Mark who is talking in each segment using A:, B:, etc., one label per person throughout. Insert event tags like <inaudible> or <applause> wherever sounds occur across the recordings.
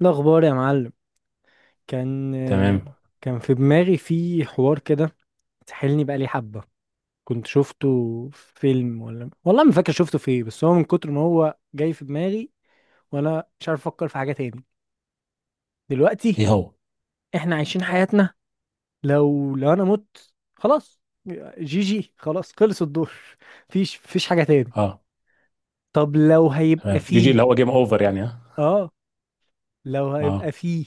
A: الأخبار يا معلم. كان
B: تمام.
A: كان في دماغي في حوار كده، سحلني بقالي حبة. كنت شفته في فيلم، ولا والله ما فاكر شفته في ايه، بس هو من كتر ما هو جاي في دماغي وأنا مش عارف أفكر في حاجة تاني دلوقتي.
B: ايه هو؟
A: إحنا عايشين حياتنا، لو أنا مت خلاص، جي جي، خلاص خلص الدور، مفيش حاجة تاني.
B: اه.
A: طب لو هيبقى
B: تمام، جي جي
A: فيه.
B: اللي هو جيم اوفر، يعني، ها.
A: آه، لو
B: اه،
A: هيبقى فيه،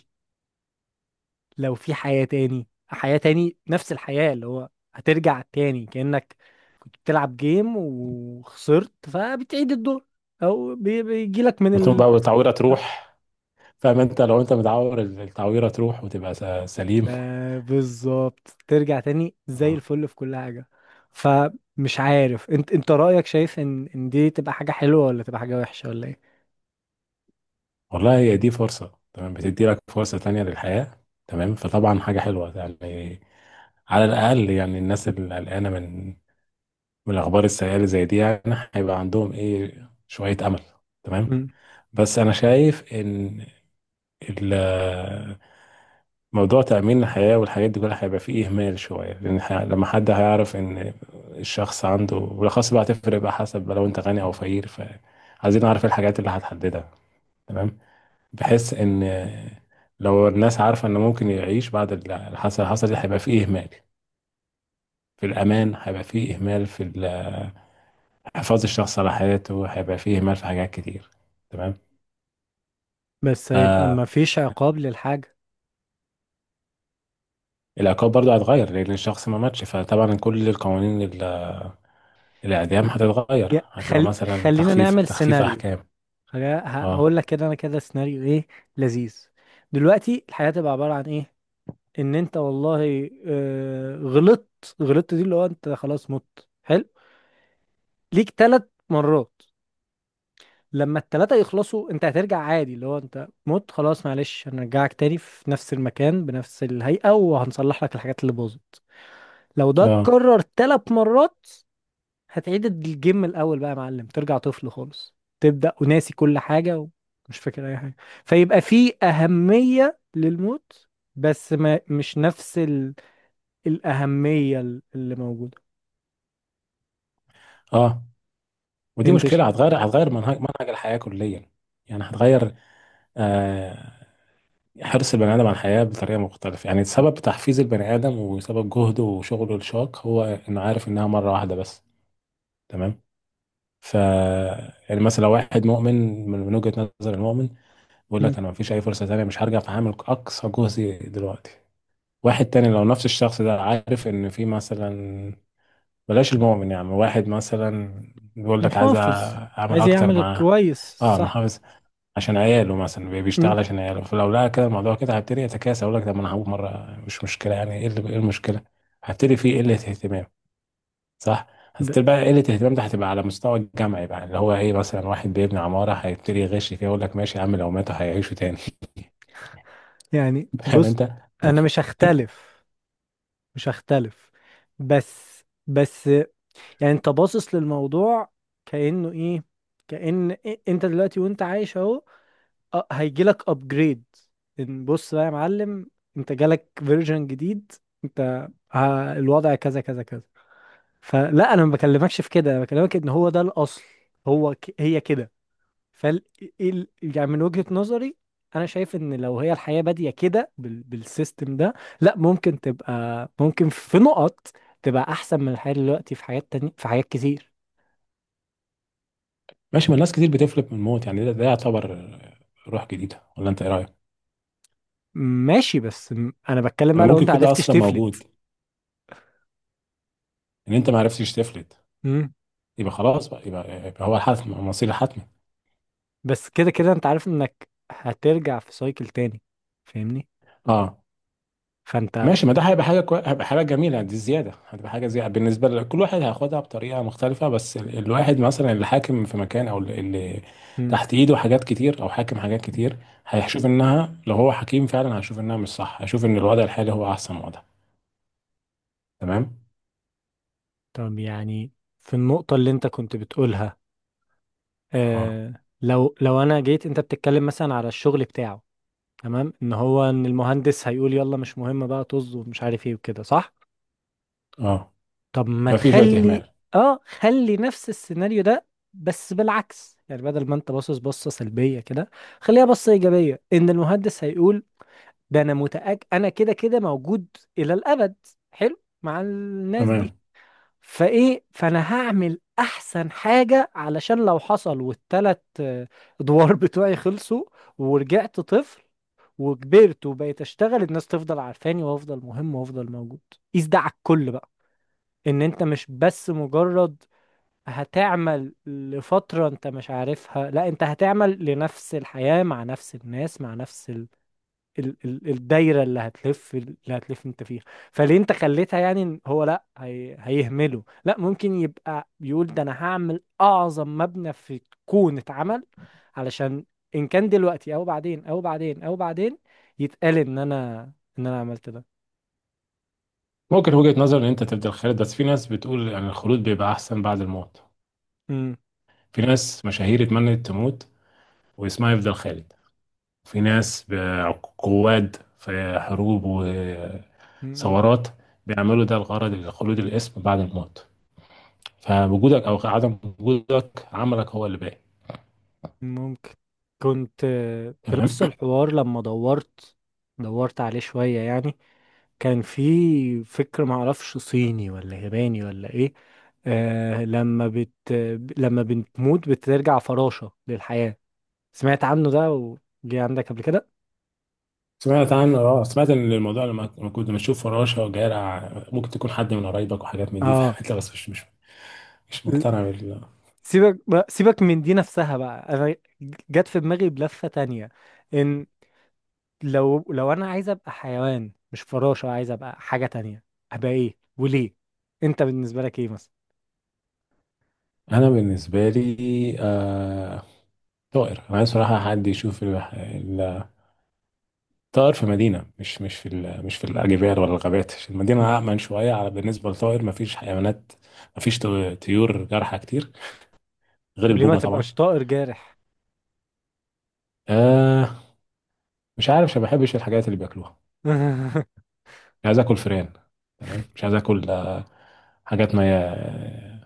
A: لو في حياة تاني، حياة تاني، نفس الحياة اللي هو هترجع تاني كأنك كنت بتلعب جيم وخسرت فبتعيد الدور، او بيجيلك من
B: وتقوم
A: ال
B: بقى والتعويره
A: آه،
B: تروح. فاهم انت؟ لو انت متعور التعويره تروح وتبقى سليم.
A: بالظبط ترجع تاني زي
B: اه،
A: الفل في كل حاجة. فمش عارف انت، رأيك، شايف ان دي تبقى حاجة حلوة ولا تبقى حاجة وحشة ولا ايه؟
B: والله هي دي فرصه، تمام، بتدي لك فرصه تانية للحياه. تمام، فطبعا حاجه حلوه يعني. على الاقل يعني الناس اللي قلقانه من الاخبار السيئه اللي زي دي، يعني هيبقى عندهم ايه شويه امل. تمام.
A: مم.
B: بس انا شايف ان ال- موضوع تأمين الحياة والحاجات دي كلها هيبقى فيه إهمال شوية، لأن لما حد هيعرف إن الشخص عنده بالأخص بقى هتفرق بقى حسب بقى لو أنت غني أو فقير، فعايزين نعرف الحاجات اللي هتحددها. تمام، بحيث إن لو الناس عارفة إن ممكن يعيش بعد اللي حصل حصل دي، هيبقى فيه إهمال في الأمان، هيبقى فيه إهمال في حفاظ الشخص على حياته، هيبقى فيه إهمال في حاجات كتير. تمام.
A: بس هيبقى
B: فالعقاب
A: ما فيش عقاب للحاجة.
B: برضه هتغير، لأن الشخص ما ماتش، فطبعا كل القوانين الإعدام هتتغير،
A: يا
B: هتبقى
A: خل...
B: مثلا
A: خلينا
B: تخفيف
A: نعمل سيناريو،
B: أحكام. اه
A: هقول لك كده، انا كده سيناريو ايه؟ لذيذ. دلوقتي الحياة تبقى عبارة عن ايه؟ ان انت، والله، غلطت، دي اللي هو انت خلاص مت، حلو، ليك 3 مرات. لما التلاتة يخلصوا انت هترجع عادي، اللي هو انت مت خلاص، معلش، هنرجعك تاني في نفس المكان بنفس الهيئة وهنصلح لك الحاجات اللي باظت. لو ده
B: اه
A: اتكرر 3 مرات هتعيد الجيم من الاول بقى يا معلم، ترجع طفل خالص، تبدا وناسي كل حاجه ومش فاكر اي حاجه. فيبقى في اهميه للموت، بس ما مش نفس الاهميه اللي موجوده.
B: اه ودي
A: انت ش...
B: مشكلة هتغير منهج الحياة كليا، يعني هتغير، آه، حرص البني آدم على الحياة بطريقة مختلفة. يعني سبب تحفيز البني آدم وسبب جهده وشغله الشاق هو إنه عارف إنها مرة واحدة بس. تمام. ف، يعني مثلا لو واحد مؤمن، من وجهة نظر المؤمن، بيقول
A: مم.
B: لك أنا مفيش أي فرصة تانية، مش هرجع، فهعمل أقصى جهدي دلوقتي. واحد تاني، لو نفس الشخص ده عارف ان في مثلا، بلاش المؤمن، يعني واحد مثلا بيقول لك عايز
A: محافظ.
B: اعمل
A: عايز
B: اكتر
A: يعمل
B: مع،
A: كويس.
B: اه،
A: صح.
B: محافظ، عشان عياله، مثلا بيشتغل
A: مم.
B: عشان عياله، فلو لقى كده الموضوع كده هيبتدي يتكاسل، اقول لك طب ما انا هقول مره مش مشكله، يعني ايه إيه المشكله؟ هبتدي فيه قله اهتمام. صح،
A: ب...
B: هتبتدي بقى قله الاهتمام ده هتبقى على مستوى الجامعي بقى، اللي هو ايه، مثلا واحد بيبني عماره هيبتدي يغش فيها، يقول لك ماشي يا عم، لو ماتوا هيعيشوا تاني.
A: يعني
B: <laughs> فاهم
A: بص،
B: انت؟
A: انا مش هختلف، بس يعني انت باصص للموضوع كانه ايه، انت دلوقتي وانت عايش اهو، هيجي لك ابجريد ان، بص بقى يا معلم، انت جالك فيرجن جديد، انت الوضع كذا كذا كذا. فلا انا ما بكلمكش في كده، انا بكلمك ان هو ده الاصل، هي كده. فال يعني من وجهة نظري انا شايف ان لو هي الحياة بادية كده بالسيستم ده، لا ممكن تبقى، ممكن في نقط تبقى احسن من الحياة دلوقتي في حاجات تانية، في حاجات كتير.
B: ماشي، ما الناس كتير بتفلت من الموت يعني، ده يعتبر روح جديده، ولا انت ايه رايك؟
A: ماشي، بس انا بتكلم
B: انا
A: بقى لو
B: ممكن
A: انت
B: يكون ده
A: عرفتش
B: اصلا
A: تفلت.
B: موجود، ان انت ما عرفتش تفلت يبقى خلاص بقى يبقى هو الحتم، مصير الحتمي.
A: بس كده كده انت عارف انك هترجع في سايكل تاني، فاهمني؟
B: اه.
A: فانت
B: ماشي، ما ده هيبقى حاجه هيبقى حاجه جميله، دي زياده، هتبقى حاجه زياده بالنسبه لكل واحد هياخدها بطريقه مختلفه، بس الواحد مثلا اللي حاكم في مكان، او اللي
A: مم.
B: تحت ايده حاجات كتير او حاكم حاجات كتير، هيشوف انها لو هو حكيم فعلا هيشوف انها مش صح، هيشوف ان الوضع الحالي هو احسن وضع. تمام.
A: طب يعني في النقطة اللي انت كنت بتقولها،
B: اه
A: اه، لو انا جيت، انت بتتكلم مثلا على الشغل بتاعه، تمام، ان هو ان المهندس هيقول يلا مش مهم بقى، طز، ومش عارف ايه وكده، صح.
B: اه
A: طب ما
B: هيبقى في شويه
A: تخلي،
B: اهمال.
A: اه، خلي نفس السيناريو ده بس بالعكس، يعني بدل ما انت باصص بصة سلبية كده خليها بصة إيجابية. إن المهندس هيقول ده، انا متأكد انا كده كده موجود الى الابد، حلو مع الناس دي،
B: تمام.
A: فايه، فانا هعمل احسن حاجة علشان لو حصل والتلات ادوار بتوعي خلصوا ورجعت طفل وكبرت وبقيت اشتغل الناس تفضل عارفاني وافضل مهم وافضل موجود. قيس ده على الكل بقى، ان انت مش بس مجرد هتعمل لفترة انت مش عارفها، لا، انت هتعمل لنفس الحياة مع نفس الناس مع نفس ال ال الدايره اللي هتلف انت فيها. فليه انت خليتها يعني ان هو، لا، هي هيهمله، لا ممكن يبقى بيقول ده، انا هعمل اعظم مبنى في الكون اتعمل علشان، ان كان دلوقتي او بعدين او بعدين او بعدين، يتقال ان انا، عملت ده.
B: ممكن وجهه نظر ان انت تبدأ الخالد، بس في ناس بتقول ان الخلود بيبقى احسن بعد الموت.
A: امم.
B: في ناس مشاهير اتمنت تموت واسمها يفضل خالد. في ناس قواد في حروب
A: امم. إمم.
B: وثورات بيعملوا ده الغرض لخلود الاسم بعد الموت. فوجودك او عدم وجودك، عملك هو اللي باين.
A: ممكن. كنت في
B: تمام.
A: نفس الحوار لما دورت عليه شويه يعني، كان في فكر، معرفش صيني ولا ياباني ولا ايه. آه لما بت لما بتموت بترجع فراشة للحياة، سمعت عنه ده وجي عندك قبل كده؟
B: سمعت عن، اه، سمعت ان الموضوع لما كنت بشوف فراشه وجارع ممكن تكون حد من قرايبك وحاجات من دي،
A: اه.
B: فهمت، بس مش مقتنع بال.
A: سيبك بقى، سيبك من دي نفسها بقى، انا جت في دماغي بلفة تانية، ان لو انا عايز ابقى حيوان، مش فراشة، عايز ابقى حاجة تانية، ابقى ايه وليه؟ انت بالنسبة لك ايه مثلا؟
B: انا بالنسبه لي، آه... طائر. انا عايز صراحه حد يشوف طائر في مدينة، مش في الأجبال ولا الغابات، عشان
A: م.
B: المدينة أأمن شوية على بالنسبة للطائر، مفيش حيوانات، مفيش طيور جارحة كتير، غير
A: وليه ما
B: البومة طبعا.
A: تبقاش طائر جارح؟
B: آه، مش عارف، عشان ما بحبش الحاجات اللي بياكلوها.
A: <laughs>
B: مش عايز آكل فئران. تمام، مش عايز آكل، حاجات ما هي-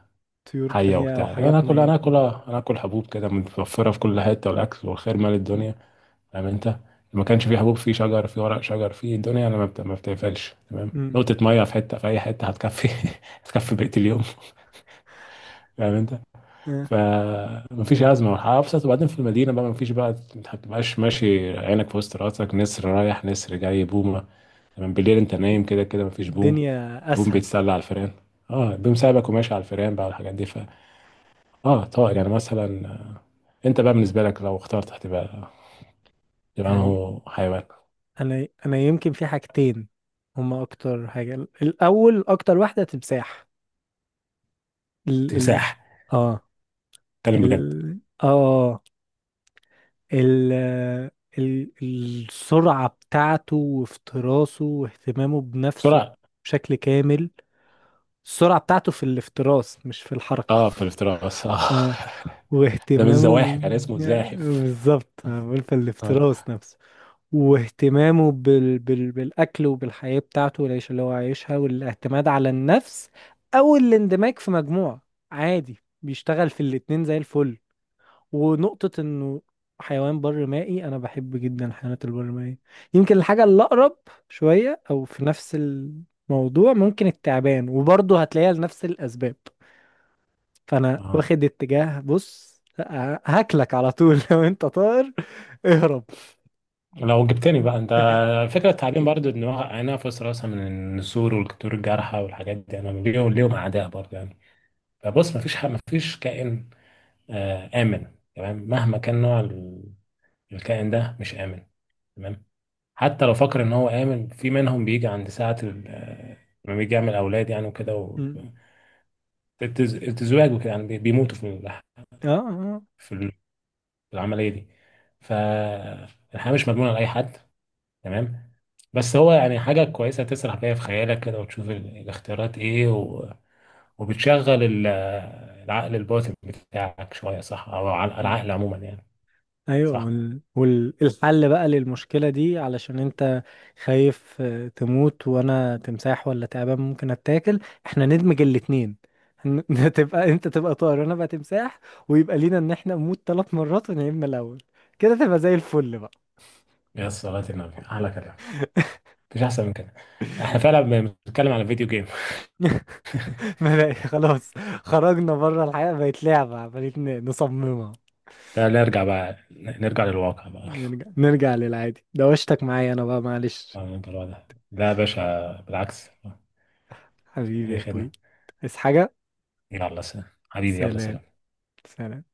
A: طيور
B: حية
A: تانية او
B: وبتاع.
A: حاجات ميتة.
B: أنا آكل حبوب كده متوفرة في كل حتة، والأكل والخير مال الدنيا. فاهم انت؟ ما كانش فيه حبوب فيه شجر، فيه ورق شجر، فيه الدنيا، انا ما بتقفلش. تمام،
A: امم.
B: نقطة مية في حتة في أي حتة هتكفي. <laughs> هتكفي بقية اليوم. فاهم انت؟
A: آه.
B: فمفيش أزمة، والحياة أبسط. وبعدين في المدينة بقى مفيش بقى، انت مبتبقاش ماشي عينك في وسط راسك، نسر رايح نسر جاي بومة. تمام، بالليل انت نايم كده كده مفيش بوم.
A: الدنيا
B: بوم
A: اسهل.
B: بيتسلى على الفيران. اه، بوم سايبك وماشي على الفيران بقى، والحاجات دي. ف، اه، طائر يعني مثلا. انت بقى بالنسبة لك لو اخترت، هتبقى تبقى
A: يعني
B: انه حيوان.
A: انا يمكن في حاجتين هما اكتر حاجة، الاول، اكتر واحدة تمساح. ال ال
B: تمساح؟
A: اه
B: اتكلم
A: ال
B: بجد.
A: اه آه، ال ال السرعة بتاعته وافتراسه واهتمامه بنفسه
B: بسرعة.
A: بشكل كامل، السرعة بتاعته في الافتراس مش في الحركة،
B: اه، في الافتراس، اه.
A: اه،
B: <laughs> ده من
A: واهتمامه
B: الزواحف، يعني اسمه زاحف.
A: بالظبط، أنا بقول في
B: اه.
A: الافتراس نفسه، واهتمامه بالأكل وبالحياة بتاعته والعيشة اللي هو عايشها والاعتماد على النفس أو الاندماج في مجموعة، عادي بيشتغل في الاتنين زي الفل. ونقطة إنه حيوان بر مائي، أنا بحب جدا الحيوانات البر مائية، يمكن الحاجة اللي أقرب شوية، أو في نفس الموضوع ممكن التعبان، وبرضه هتلاقيها لنفس الأسباب. فأنا
B: اه،
A: واخد اتجاه، بص، هاكلك على طول. <laughs> لو أنت طائر اهرب.
B: لو جبتني بقى انت، فكرة التعليم برضو، ان هو انا في راسها من النسور والكتور الجارحة والحاجات دي، انا ليهم
A: م-
B: اعداء برضو يعني. فبص، مفيش مفيش كائن، آه، امن. تمام، مهما كان نوع الكائن ده مش امن. تمام. حتى لو فكر ان هو امن في منهم، بيجي عند ساعة لما بيجي يعمل اولاد يعني وكده، و
A: م-
B: التزواج وكده يعني بيموتوا في
A: آه
B: في العمليه دي. فالحياه مش مضمونه لاي حد. تمام. بس هو يعني حاجه كويسه تسرح بيها في خيالك كده، وتشوف الاختيارات ايه، و... وبتشغل العقل الباطن بتاعك شويه، صح، او
A: آه
B: العقل عموما يعني.
A: ايوه،
B: صح.
A: والحل والحل بقى للمشكله دي، علشان انت خايف تموت وانا تمساح ولا تعبان ممكن اتاكل، احنا ندمج الاتنين. هن- <laughs> انت تبقى طائر وانا بقى تمساح، ويبقى لينا ان احنا نموت 3 مرات ونعيد من الاول، كده تبقى زي الفل بقى.
B: يا صلاة النبي، احلى كلام.
A: <laughs>
B: مفيش احسن من كده. احنا فعلا بنتكلم على فيديو جيم.
A: ما بقى خلاص، خرجنا بره، الحياه بقت لعبه عمالين نصممها.
B: <laughs> ده نرجع للواقع بقى. <laughs>
A: نرجع للعادي، دوشتك معايا انا بقى معلش.
B: آه، نرجع للواقع. ده يا باشا بالعكس.
A: حبيبي
B: اي
A: يا
B: خدمه.
A: اخوي، عايز حاجه؟
B: يلا سلام حبيبي، يلا
A: سلام،
B: سلام.
A: سلام.